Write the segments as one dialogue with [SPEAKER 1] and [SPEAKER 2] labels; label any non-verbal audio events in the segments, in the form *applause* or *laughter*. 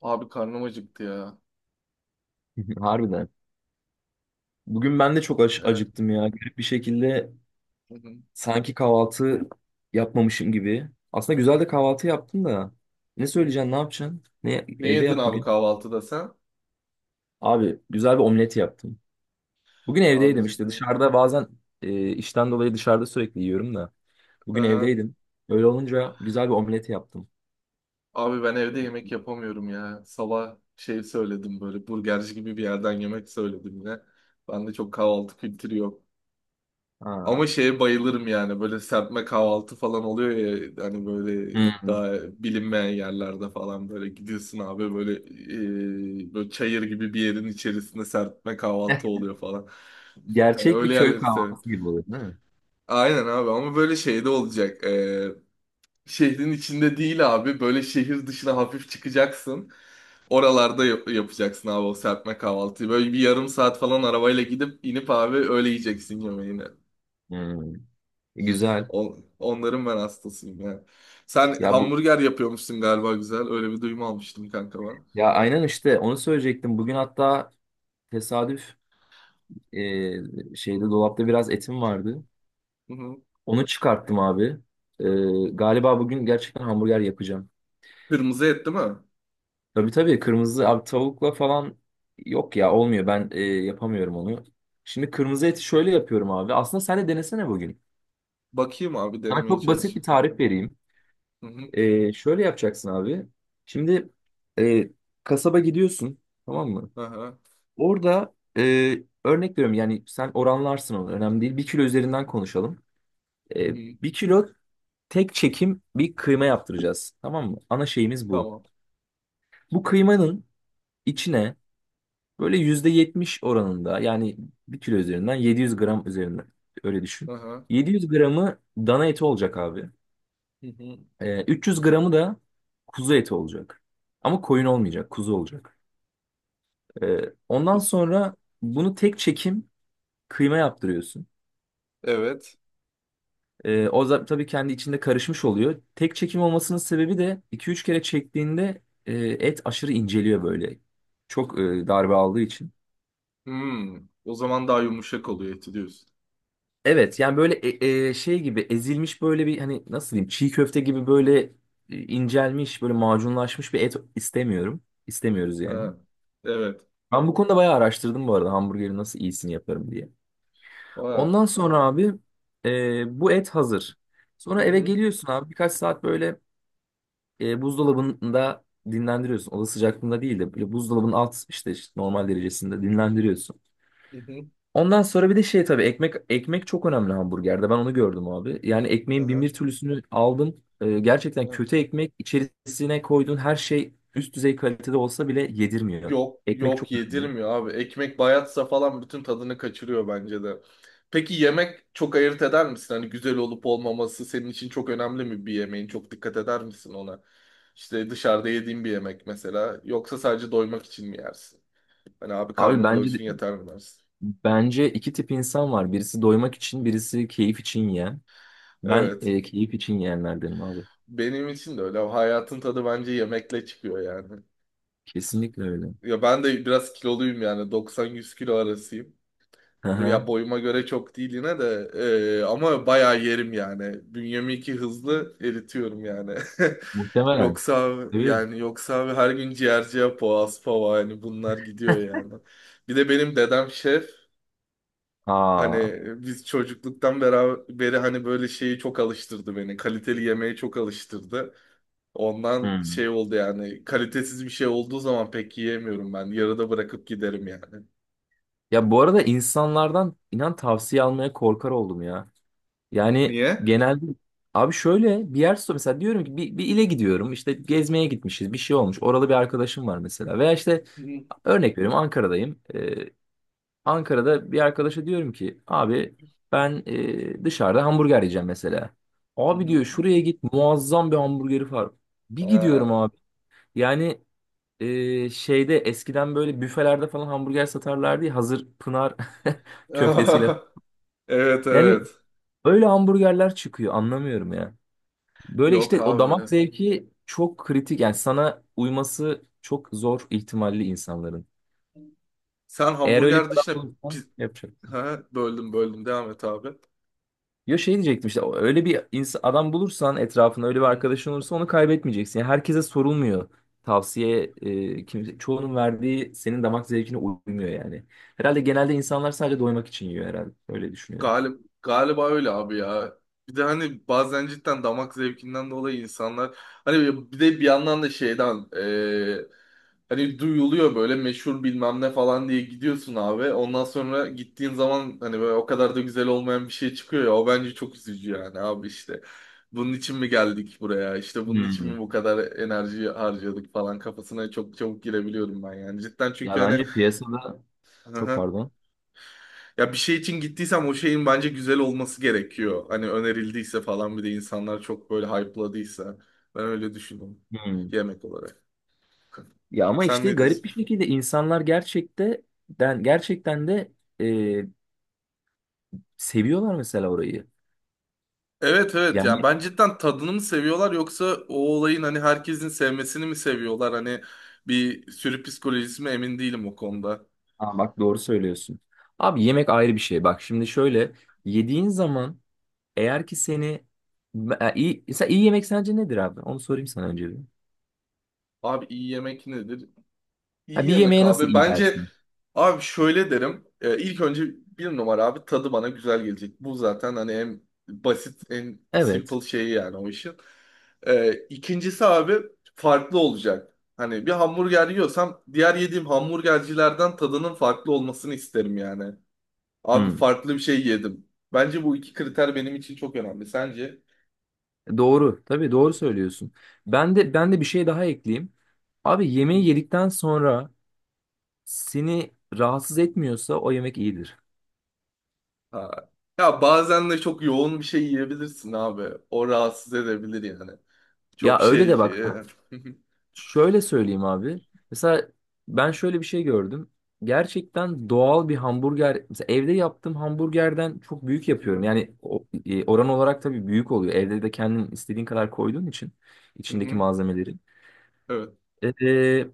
[SPEAKER 1] Abi karnım acıktı ya.
[SPEAKER 2] *laughs* Harbiden. Bugün ben de çok
[SPEAKER 1] Evet.
[SPEAKER 2] acıktım ya. Garip bir şekilde
[SPEAKER 1] Hı hı.
[SPEAKER 2] sanki kahvaltı yapmamışım gibi. Aslında güzel de kahvaltı yaptım da. Ne
[SPEAKER 1] Hı.
[SPEAKER 2] söyleyeceksin, ne yapacaksın? Ne
[SPEAKER 1] Ne
[SPEAKER 2] evde
[SPEAKER 1] yedin
[SPEAKER 2] yap
[SPEAKER 1] abi
[SPEAKER 2] bugün?
[SPEAKER 1] kahvaltıda sen?
[SPEAKER 2] Abi güzel bir omlet yaptım. Bugün
[SPEAKER 1] Abi
[SPEAKER 2] evdeydim, işte
[SPEAKER 1] ciddi.
[SPEAKER 2] dışarıda bazen işten
[SPEAKER 1] Hı.
[SPEAKER 2] dolayı dışarıda sürekli yiyorum da. Bugün
[SPEAKER 1] Hı.
[SPEAKER 2] evdeydim. Öyle olunca güzel bir omlet yaptım.
[SPEAKER 1] Abi ben evde yemek yapamıyorum ya. Sabah şey söyledim böyle burgerci gibi bir yerden yemek söyledim yine. Bende çok kahvaltı kültürü yok.
[SPEAKER 2] Ha.
[SPEAKER 1] Ama şeye bayılırım yani böyle serpme kahvaltı falan oluyor ya hani böyle
[SPEAKER 2] Hı.
[SPEAKER 1] daha bilinmeyen yerlerde falan böyle gidiyorsun abi böyle böyle çayır gibi bir yerin içerisinde serpme kahvaltı
[SPEAKER 2] *laughs*
[SPEAKER 1] oluyor falan. Yani
[SPEAKER 2] Gerçek bir
[SPEAKER 1] öyle
[SPEAKER 2] köy
[SPEAKER 1] yerleri severim.
[SPEAKER 2] kahvaltısı gibi oluyor değil mi?
[SPEAKER 1] Aynen abi ama böyle şeyde olacak. Şehrin içinde değil abi. Böyle şehir dışına hafif çıkacaksın. Oralarda yapacaksın abi o serpme kahvaltıyı. Böyle bir yarım saat falan arabayla gidip inip abi öyle yiyeceksin yemeğini.
[SPEAKER 2] Hı. Güzel.
[SPEAKER 1] Onların ben hastasıyım ya. Sen
[SPEAKER 2] Ya bu
[SPEAKER 1] hamburger yapıyormuşsun galiba güzel. Öyle bir duyum almıştım kanka ben.
[SPEAKER 2] ya aynen, işte onu söyleyecektim. Bugün hatta tesadüf, şeyde dolapta biraz etim vardı.
[SPEAKER 1] Hı hı.
[SPEAKER 2] Onu çıkarttım abi. E, Galiba bugün gerçekten hamburger yapacağım.
[SPEAKER 1] Kırmızı et değil mi?
[SPEAKER 2] Tabii tabii, kırmızı abi. Tavukla falan yok ya, olmuyor. Ben yapamıyorum onu. Şimdi kırmızı eti şöyle yapıyorum abi. Aslında sen de denesene bugün.
[SPEAKER 1] Bakayım abi
[SPEAKER 2] Sana
[SPEAKER 1] denemeye
[SPEAKER 2] çok basit bir
[SPEAKER 1] çalışayım.
[SPEAKER 2] tarif vereyim.
[SPEAKER 1] Hı hı.
[SPEAKER 2] Şöyle yapacaksın abi. Şimdi e, kasaba gidiyorsun, tamam mı?
[SPEAKER 1] Aha.
[SPEAKER 2] Orada örnek veriyorum, yani sen oranlarsın onu, önemli değil. 1 kilo üzerinden konuşalım.
[SPEAKER 1] Hı
[SPEAKER 2] E,
[SPEAKER 1] hı.
[SPEAKER 2] 1 kilo tek çekim bir kıyma yaptıracağız. Tamam mı? Ana şeyimiz bu.
[SPEAKER 1] Tamam.
[SPEAKER 2] Bu kıymanın içine böyle %70 oranında, yani 1 kilo üzerinden 700 gram üzerinden öyle düşün.
[SPEAKER 1] Aha.
[SPEAKER 2] 700 gramı dana eti olacak abi.
[SPEAKER 1] Hı hı.
[SPEAKER 2] 300 gramı da kuzu eti olacak. Ama koyun olmayacak, kuzu olacak. Ondan
[SPEAKER 1] Ku-
[SPEAKER 2] sonra bunu tek çekim kıyma yaptırıyorsun.
[SPEAKER 1] Evet.
[SPEAKER 2] O da tabii kendi içinde karışmış oluyor. Tek çekim olmasının sebebi de iki üç kere çektiğinde et aşırı inceliyor böyle. Çok darbe aldığı için.
[SPEAKER 1] Hmm, o zaman daha yumuşak oluyor eti diyorsun.
[SPEAKER 2] Evet, yani böyle şey gibi ezilmiş, böyle bir, hani nasıl diyeyim, çiğ köfte gibi böyle incelmiş, böyle macunlaşmış bir et istemiyorum. İstemiyoruz yani.
[SPEAKER 1] Ha, evet.
[SPEAKER 2] Ben bu konuda bayağı araştırdım bu arada, hamburgeri nasıl iyisini yaparım diye.
[SPEAKER 1] Ha.
[SPEAKER 2] Ondan sonra abi, bu et hazır.
[SPEAKER 1] Hı
[SPEAKER 2] Sonra eve
[SPEAKER 1] hı,
[SPEAKER 2] geliyorsun abi, birkaç saat böyle buzdolabında dinlendiriyorsun. Oda sıcaklığında değil de böyle buzdolabının alt işte normal derecesinde dinlendiriyorsun.
[SPEAKER 1] hı hı,
[SPEAKER 2] Ondan sonra bir de şey, tabii ekmek çok önemli hamburgerde. Ben onu gördüm abi. Yani ekmeğin bin
[SPEAKER 1] aha,
[SPEAKER 2] bir türlüsünü aldım. Gerçekten
[SPEAKER 1] aha.
[SPEAKER 2] kötü ekmek, içerisine koyduğun her şey üst düzey kalitede olsa bile yedirmiyor.
[SPEAKER 1] Yok
[SPEAKER 2] Ekmek çok
[SPEAKER 1] yok
[SPEAKER 2] önemli.
[SPEAKER 1] yedirmiyor abi. Ekmek bayatsa falan bütün tadını kaçırıyor bence de. Peki yemek çok ayırt eder misin? Hani güzel olup olmaması senin için çok önemli mi bir yemeğin? Çok dikkat eder misin ona? İşte dışarıda yediğin bir yemek mesela. Yoksa sadece doymak için mi yersin? Hani abi
[SPEAKER 2] Abi
[SPEAKER 1] karnım
[SPEAKER 2] bence
[SPEAKER 1] doysun yeter mi dersin?
[SPEAKER 2] bence iki tip insan var. Birisi doymak için, birisi keyif için yiyen. Ben
[SPEAKER 1] Evet.
[SPEAKER 2] keyif için yiyenlerdenim abi.
[SPEAKER 1] Benim için de öyle. Hayatın tadı bence yemekle çıkıyor yani.
[SPEAKER 2] Kesinlikle öyle.
[SPEAKER 1] Ya ben de biraz kiloluyum yani 90-100 kilo arasıyım.
[SPEAKER 2] Hı
[SPEAKER 1] Hani
[SPEAKER 2] hı.
[SPEAKER 1] ya boyuma göre çok değil yine de ama bayağı yerim yani. Bünyemi iki hızlı eritiyorum yani. *laughs*
[SPEAKER 2] Muhtemelen.
[SPEAKER 1] Yoksa
[SPEAKER 2] Evet.
[SPEAKER 1] yani yoksa her gün ciğerciye boğaz pava yani bunlar gidiyor yani. Bir de benim dedem şef,
[SPEAKER 2] Aa.
[SPEAKER 1] hani biz çocukluktan beraber beri hani böyle şeyi çok alıştırdı beni. Kaliteli yemeğe çok alıştırdı. Ondan
[SPEAKER 2] Hmm.
[SPEAKER 1] şey oldu yani kalitesiz bir şey olduğu zaman pek yiyemiyorum ben. Yarıda bırakıp giderim yani.
[SPEAKER 2] Ya bu arada insanlardan inan tavsiye almaya korkar oldum ya. Yani
[SPEAKER 1] Niye?
[SPEAKER 2] genelde abi şöyle bir yer sor mesela, diyorum ki bir ile gidiyorum işte, gezmeye gitmişiz bir şey olmuş, oralı bir arkadaşım var mesela, veya işte
[SPEAKER 1] Hı hı,
[SPEAKER 2] örnek veriyorum Ankara'dayım. Ankara'da bir arkadaşa diyorum ki abi, ben dışarıda hamburger yiyeceğim mesela.
[SPEAKER 1] hı
[SPEAKER 2] Abi,
[SPEAKER 1] hı.
[SPEAKER 2] diyor, şuraya git, muazzam bir hamburgeri var. Bir
[SPEAKER 1] Ha.
[SPEAKER 2] gidiyorum abi. Yani şeyde eskiden böyle büfelerde falan hamburger satarlardı ya, hazır Pınar *laughs* köftesiyle.
[SPEAKER 1] *laughs* Evet
[SPEAKER 2] Yani
[SPEAKER 1] evet.
[SPEAKER 2] öyle hamburgerler çıkıyor, anlamıyorum ya. Böyle
[SPEAKER 1] Yok
[SPEAKER 2] işte o damak
[SPEAKER 1] abi.
[SPEAKER 2] zevki çok kritik, yani sana uyması çok zor ihtimalli insanların.
[SPEAKER 1] Sen
[SPEAKER 2] Eğer öyle bir
[SPEAKER 1] hamburger
[SPEAKER 2] adam
[SPEAKER 1] dışında
[SPEAKER 2] bulursan,
[SPEAKER 1] pi-
[SPEAKER 2] yapacak.
[SPEAKER 1] ha, böldüm devam et abi.
[SPEAKER 2] Ya şey diyecektim, işte öyle bir adam bulursan, etrafında öyle bir
[SPEAKER 1] Hı.
[SPEAKER 2] arkadaşın olursa onu kaybetmeyeceksin. Yani herkese sorulmuyor. Tavsiye, kimse, çoğunun verdiği senin damak zevkine uymuyor yani. Herhalde genelde insanlar sadece doymak için yiyor herhalde. Öyle düşünüyorum.
[SPEAKER 1] Galiba öyle abi ya. Bir de hani bazen cidden damak zevkinden dolayı insanlar hani bir de bir yandan da şeyden hani duyuluyor böyle meşhur bilmem ne falan diye gidiyorsun abi. Ondan sonra gittiğin zaman hani böyle o kadar da güzel olmayan bir şey çıkıyor ya. O bence çok üzücü yani abi işte. Bunun için mi geldik buraya? İşte bunun için
[SPEAKER 2] Hmm.
[SPEAKER 1] mi bu kadar enerji harcadık falan kafasına çok çabuk girebiliyorum ben yani. Cidden
[SPEAKER 2] Ya
[SPEAKER 1] çünkü hani
[SPEAKER 2] bence piyasada çok,
[SPEAKER 1] *laughs*
[SPEAKER 2] pardon.
[SPEAKER 1] ya bir şey için gittiysem o şeyin bence güzel olması gerekiyor. Hani önerildiyse falan bir de insanlar çok böyle hype'ladıysa. Ben öyle düşünüyorum.
[SPEAKER 2] Hmm.
[SPEAKER 1] Yemek olarak.
[SPEAKER 2] Ya ama
[SPEAKER 1] Sen
[SPEAKER 2] işte
[SPEAKER 1] ne
[SPEAKER 2] garip
[SPEAKER 1] diyorsun?
[SPEAKER 2] bir şekilde insanlar gerçekten gerçekten de e, seviyorlar mesela orayı.
[SPEAKER 1] Evet evet
[SPEAKER 2] Yani
[SPEAKER 1] yani ben cidden tadını mı seviyorlar yoksa o olayın hani herkesin sevmesini mi seviyorlar? Hani bir sürü psikolojisi mi emin değilim o konuda.
[SPEAKER 2] aa, bak, doğru söylüyorsun. Abi yemek ayrı bir şey. Bak şimdi şöyle, yediğin zaman, eğer ki seni iyi, mesela iyi yemek sence nedir abi? Onu sorayım sana önce bir.
[SPEAKER 1] Abi iyi yemek nedir? İyi
[SPEAKER 2] Ha, bir
[SPEAKER 1] yemek
[SPEAKER 2] yemeğe nasıl
[SPEAKER 1] abi.
[SPEAKER 2] iyi
[SPEAKER 1] Bence
[SPEAKER 2] dersin?
[SPEAKER 1] abi şöyle derim. İlk önce bir numara abi tadı bana güzel gelecek. Bu zaten hani en basit en
[SPEAKER 2] Evet.
[SPEAKER 1] simple şeyi yani o işin. İkincisi abi farklı olacak. Hani bir hamburger yiyorsam diğer yediğim hamburgercilerden tadının farklı olmasını isterim yani. Abi
[SPEAKER 2] Hmm.
[SPEAKER 1] farklı bir şey yedim. Bence bu iki kriter benim için çok önemli. Sence?
[SPEAKER 2] Doğru. Tabii doğru söylüyorsun. Ben de bir şey daha ekleyeyim. Abi
[SPEAKER 1] Hı hı.
[SPEAKER 2] yemeği yedikten sonra seni rahatsız etmiyorsa o yemek iyidir.
[SPEAKER 1] Ha. Ya bazen de çok yoğun bir şey yiyebilirsin abi. O rahatsız edebilir yani.
[SPEAKER 2] Ya
[SPEAKER 1] Çok
[SPEAKER 2] öyle
[SPEAKER 1] şey.
[SPEAKER 2] de
[SPEAKER 1] e,
[SPEAKER 2] bak,
[SPEAKER 1] *laughs* hı hı,
[SPEAKER 2] şöyle söyleyeyim abi. Mesela ben şöyle bir şey gördüm. Gerçekten doğal bir hamburger. Mesela evde yaptığım hamburgerden çok büyük yapıyorum. Yani oran olarak tabii büyük oluyor. Evde de kendin istediğin kadar koyduğun için
[SPEAKER 1] hı
[SPEAKER 2] içindeki
[SPEAKER 1] hı.
[SPEAKER 2] malzemeleri.
[SPEAKER 1] Evet.
[SPEAKER 2] E, e,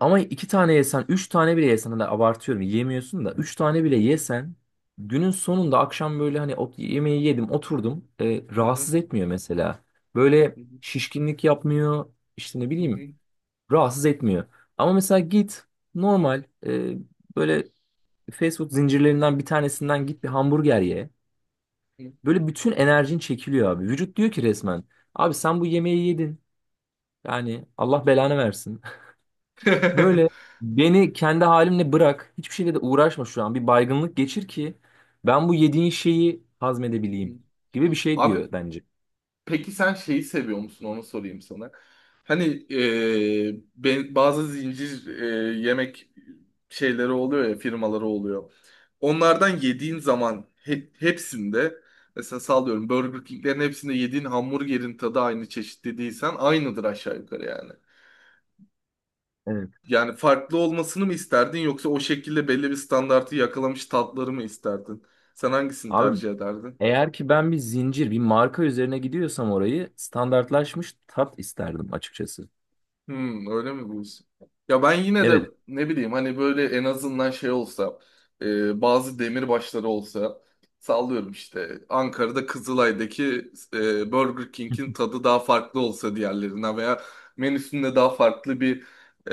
[SPEAKER 2] Ama iki tane yesen, üç tane bile yesen da abartıyorum. Yiyemiyorsun da. Üç tane bile
[SPEAKER 1] Hı
[SPEAKER 2] yesen günün sonunda akşam böyle hani yemeği yedim oturdum.
[SPEAKER 1] hı,
[SPEAKER 2] Rahatsız etmiyor mesela. Böyle
[SPEAKER 1] hı hı,
[SPEAKER 2] şişkinlik yapmıyor. İşte ne
[SPEAKER 1] hı hı,
[SPEAKER 2] bileyim, rahatsız etmiyor. Ama mesela git normal böyle fast food zincirlerinden bir tanesinden git bir hamburger ye.
[SPEAKER 1] hı.
[SPEAKER 2] Böyle bütün enerjin çekiliyor abi. Vücut diyor ki resmen, abi sen bu yemeği yedin. Yani Allah belanı versin. *laughs* Böyle
[SPEAKER 1] *laughs*
[SPEAKER 2] beni kendi halimle bırak. Hiçbir şeyle de uğraşma şu an. Bir baygınlık geçir ki ben bu yediğin şeyi hazmedebileyim gibi bir şey
[SPEAKER 1] Abi
[SPEAKER 2] diyor bence.
[SPEAKER 1] peki sen şeyi seviyor musun? Onu sorayım sana. Hani ben, bazı zincir yemek şeyleri oluyor ya firmaları oluyor. Onlardan yediğin zaman hepsinde mesela sallıyorum Burger King'lerin hepsinde yediğin hamburgerin tadı aynı çeşitli değilsen aynıdır aşağı yukarı yani.
[SPEAKER 2] Evet.
[SPEAKER 1] Yani farklı olmasını mı isterdin yoksa o şekilde belli bir standartı yakalamış tatları mı isterdin? Sen hangisini
[SPEAKER 2] Abi
[SPEAKER 1] tercih ederdin?
[SPEAKER 2] eğer ki ben bir zincir, bir marka üzerine gidiyorsam, orayı standartlaşmış tat isterdim açıkçası.
[SPEAKER 1] Hmm, öyle mi bu iş? Ya ben yine de
[SPEAKER 2] Evet.
[SPEAKER 1] ne bileyim hani böyle en azından şey olsa bazı demirbaşları olsa sallıyorum işte Ankara'da Kızılay'daki Burger King'in
[SPEAKER 2] *laughs*
[SPEAKER 1] tadı daha farklı olsa diğerlerinden veya menüsünde daha farklı bir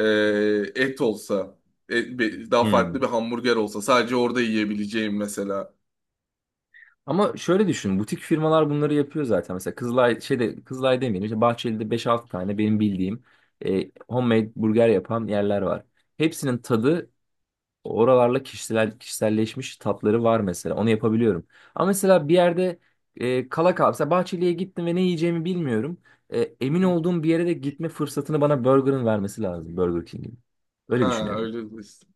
[SPEAKER 1] et olsa daha farklı
[SPEAKER 2] Hmm.
[SPEAKER 1] bir hamburger olsa sadece orada yiyebileceğim mesela.
[SPEAKER 2] Ama şöyle düşün, butik firmalar bunları yapıyor zaten. Mesela Kızılay şeyde, Kızılay demeyelim, işte Bahçeli'de beş altı tane benim bildiğim homemade burger yapan yerler var. Hepsinin tadı oralarla kişiselleşmiş tatları var mesela. Onu yapabiliyorum. Ama mesela bir yerde kala kal. Mesela Bahçeli'ye gittim ve ne yiyeceğimi bilmiyorum. Emin olduğum bir yere de gitme fırsatını bana Burger'ın vermesi lazım. Burger King'in. Öyle
[SPEAKER 1] Ha
[SPEAKER 2] düşünüyorum.
[SPEAKER 1] öyle diyorsun.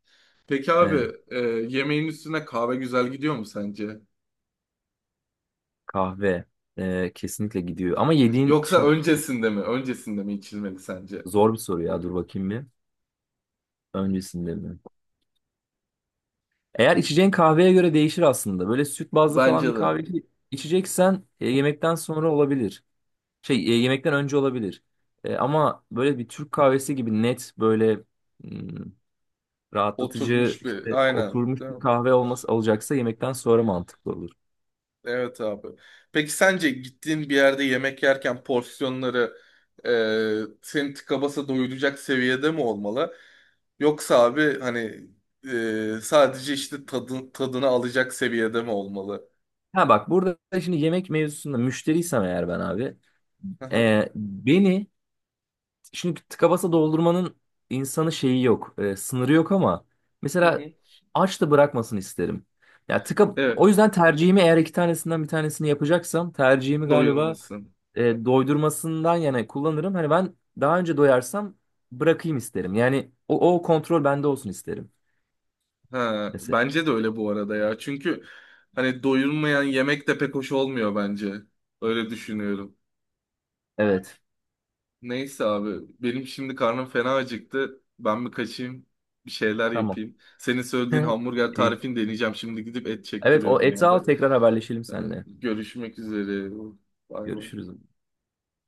[SPEAKER 1] Peki
[SPEAKER 2] E,
[SPEAKER 1] abi yemeğin üstüne kahve güzel gidiyor mu sence?
[SPEAKER 2] Kahve kesinlikle gidiyor. Ama yediğin
[SPEAKER 1] Yoksa
[SPEAKER 2] şimdi,
[SPEAKER 1] öncesinde mi? Öncesinde mi içilmeli sence?
[SPEAKER 2] zor bir soru ya. Dur bakayım bir. Öncesinde mi? Eğer içeceğin kahveye göre değişir aslında. Böyle süt bazlı falan bir
[SPEAKER 1] Bence de.
[SPEAKER 2] kahve içeceksen yemekten sonra olabilir. Şey, yemekten önce olabilir. Ama böyle bir Türk kahvesi gibi net böyle hmm, rahatlatıcı
[SPEAKER 1] Oturmuş
[SPEAKER 2] işte
[SPEAKER 1] bir. Aynen.
[SPEAKER 2] oturmuş
[SPEAKER 1] Değil mi?
[SPEAKER 2] bir kahve olması olacaksa yemekten sonra mantıklı olur.
[SPEAKER 1] Evet abi. Peki sence gittiğin bir yerde yemek yerken porsiyonları seni tıka basa doyuracak seviyede mi olmalı? Yoksa abi hani sadece işte tadını alacak seviyede mi olmalı?
[SPEAKER 2] Ha bak, burada da şimdi yemek mevzusunda müşteriysem eğer ben abi,
[SPEAKER 1] Hı hı.
[SPEAKER 2] beni, şimdi tıka basa doldurmanın insanı şeyi yok. Sınırı yok ama
[SPEAKER 1] Hı
[SPEAKER 2] mesela
[SPEAKER 1] hı.
[SPEAKER 2] aç da bırakmasın isterim. Ya tıka
[SPEAKER 1] Evet,
[SPEAKER 2] o yüzden tercihimi, eğer iki tanesinden bir tanesini yapacaksam tercihimi galiba
[SPEAKER 1] doyulmasın.
[SPEAKER 2] doydurmasından yana kullanırım. Hani ben daha önce doyarsam bırakayım isterim. Yani o kontrol bende olsun isterim.
[SPEAKER 1] Ha,
[SPEAKER 2] Mesela.
[SPEAKER 1] bence de öyle bu arada ya. Çünkü hani doyulmayan yemek de pek hoş olmuyor bence. Öyle düşünüyorum.
[SPEAKER 2] Evet.
[SPEAKER 1] Neyse abi benim şimdi karnım fena acıktı. Ben bir kaçayım bir şeyler
[SPEAKER 2] Tamam.
[SPEAKER 1] yapayım. Senin söylediğin hamburger
[SPEAKER 2] *laughs* İyi.
[SPEAKER 1] tarifini deneyeceğim. Şimdi gidip et
[SPEAKER 2] Evet, o
[SPEAKER 1] çektiriyorum
[SPEAKER 2] eti
[SPEAKER 1] abi.
[SPEAKER 2] al, tekrar haberleşelim
[SPEAKER 1] Ee,
[SPEAKER 2] seninle.
[SPEAKER 1] Görüşmek üzere. Bay bay.
[SPEAKER 2] Görüşürüz.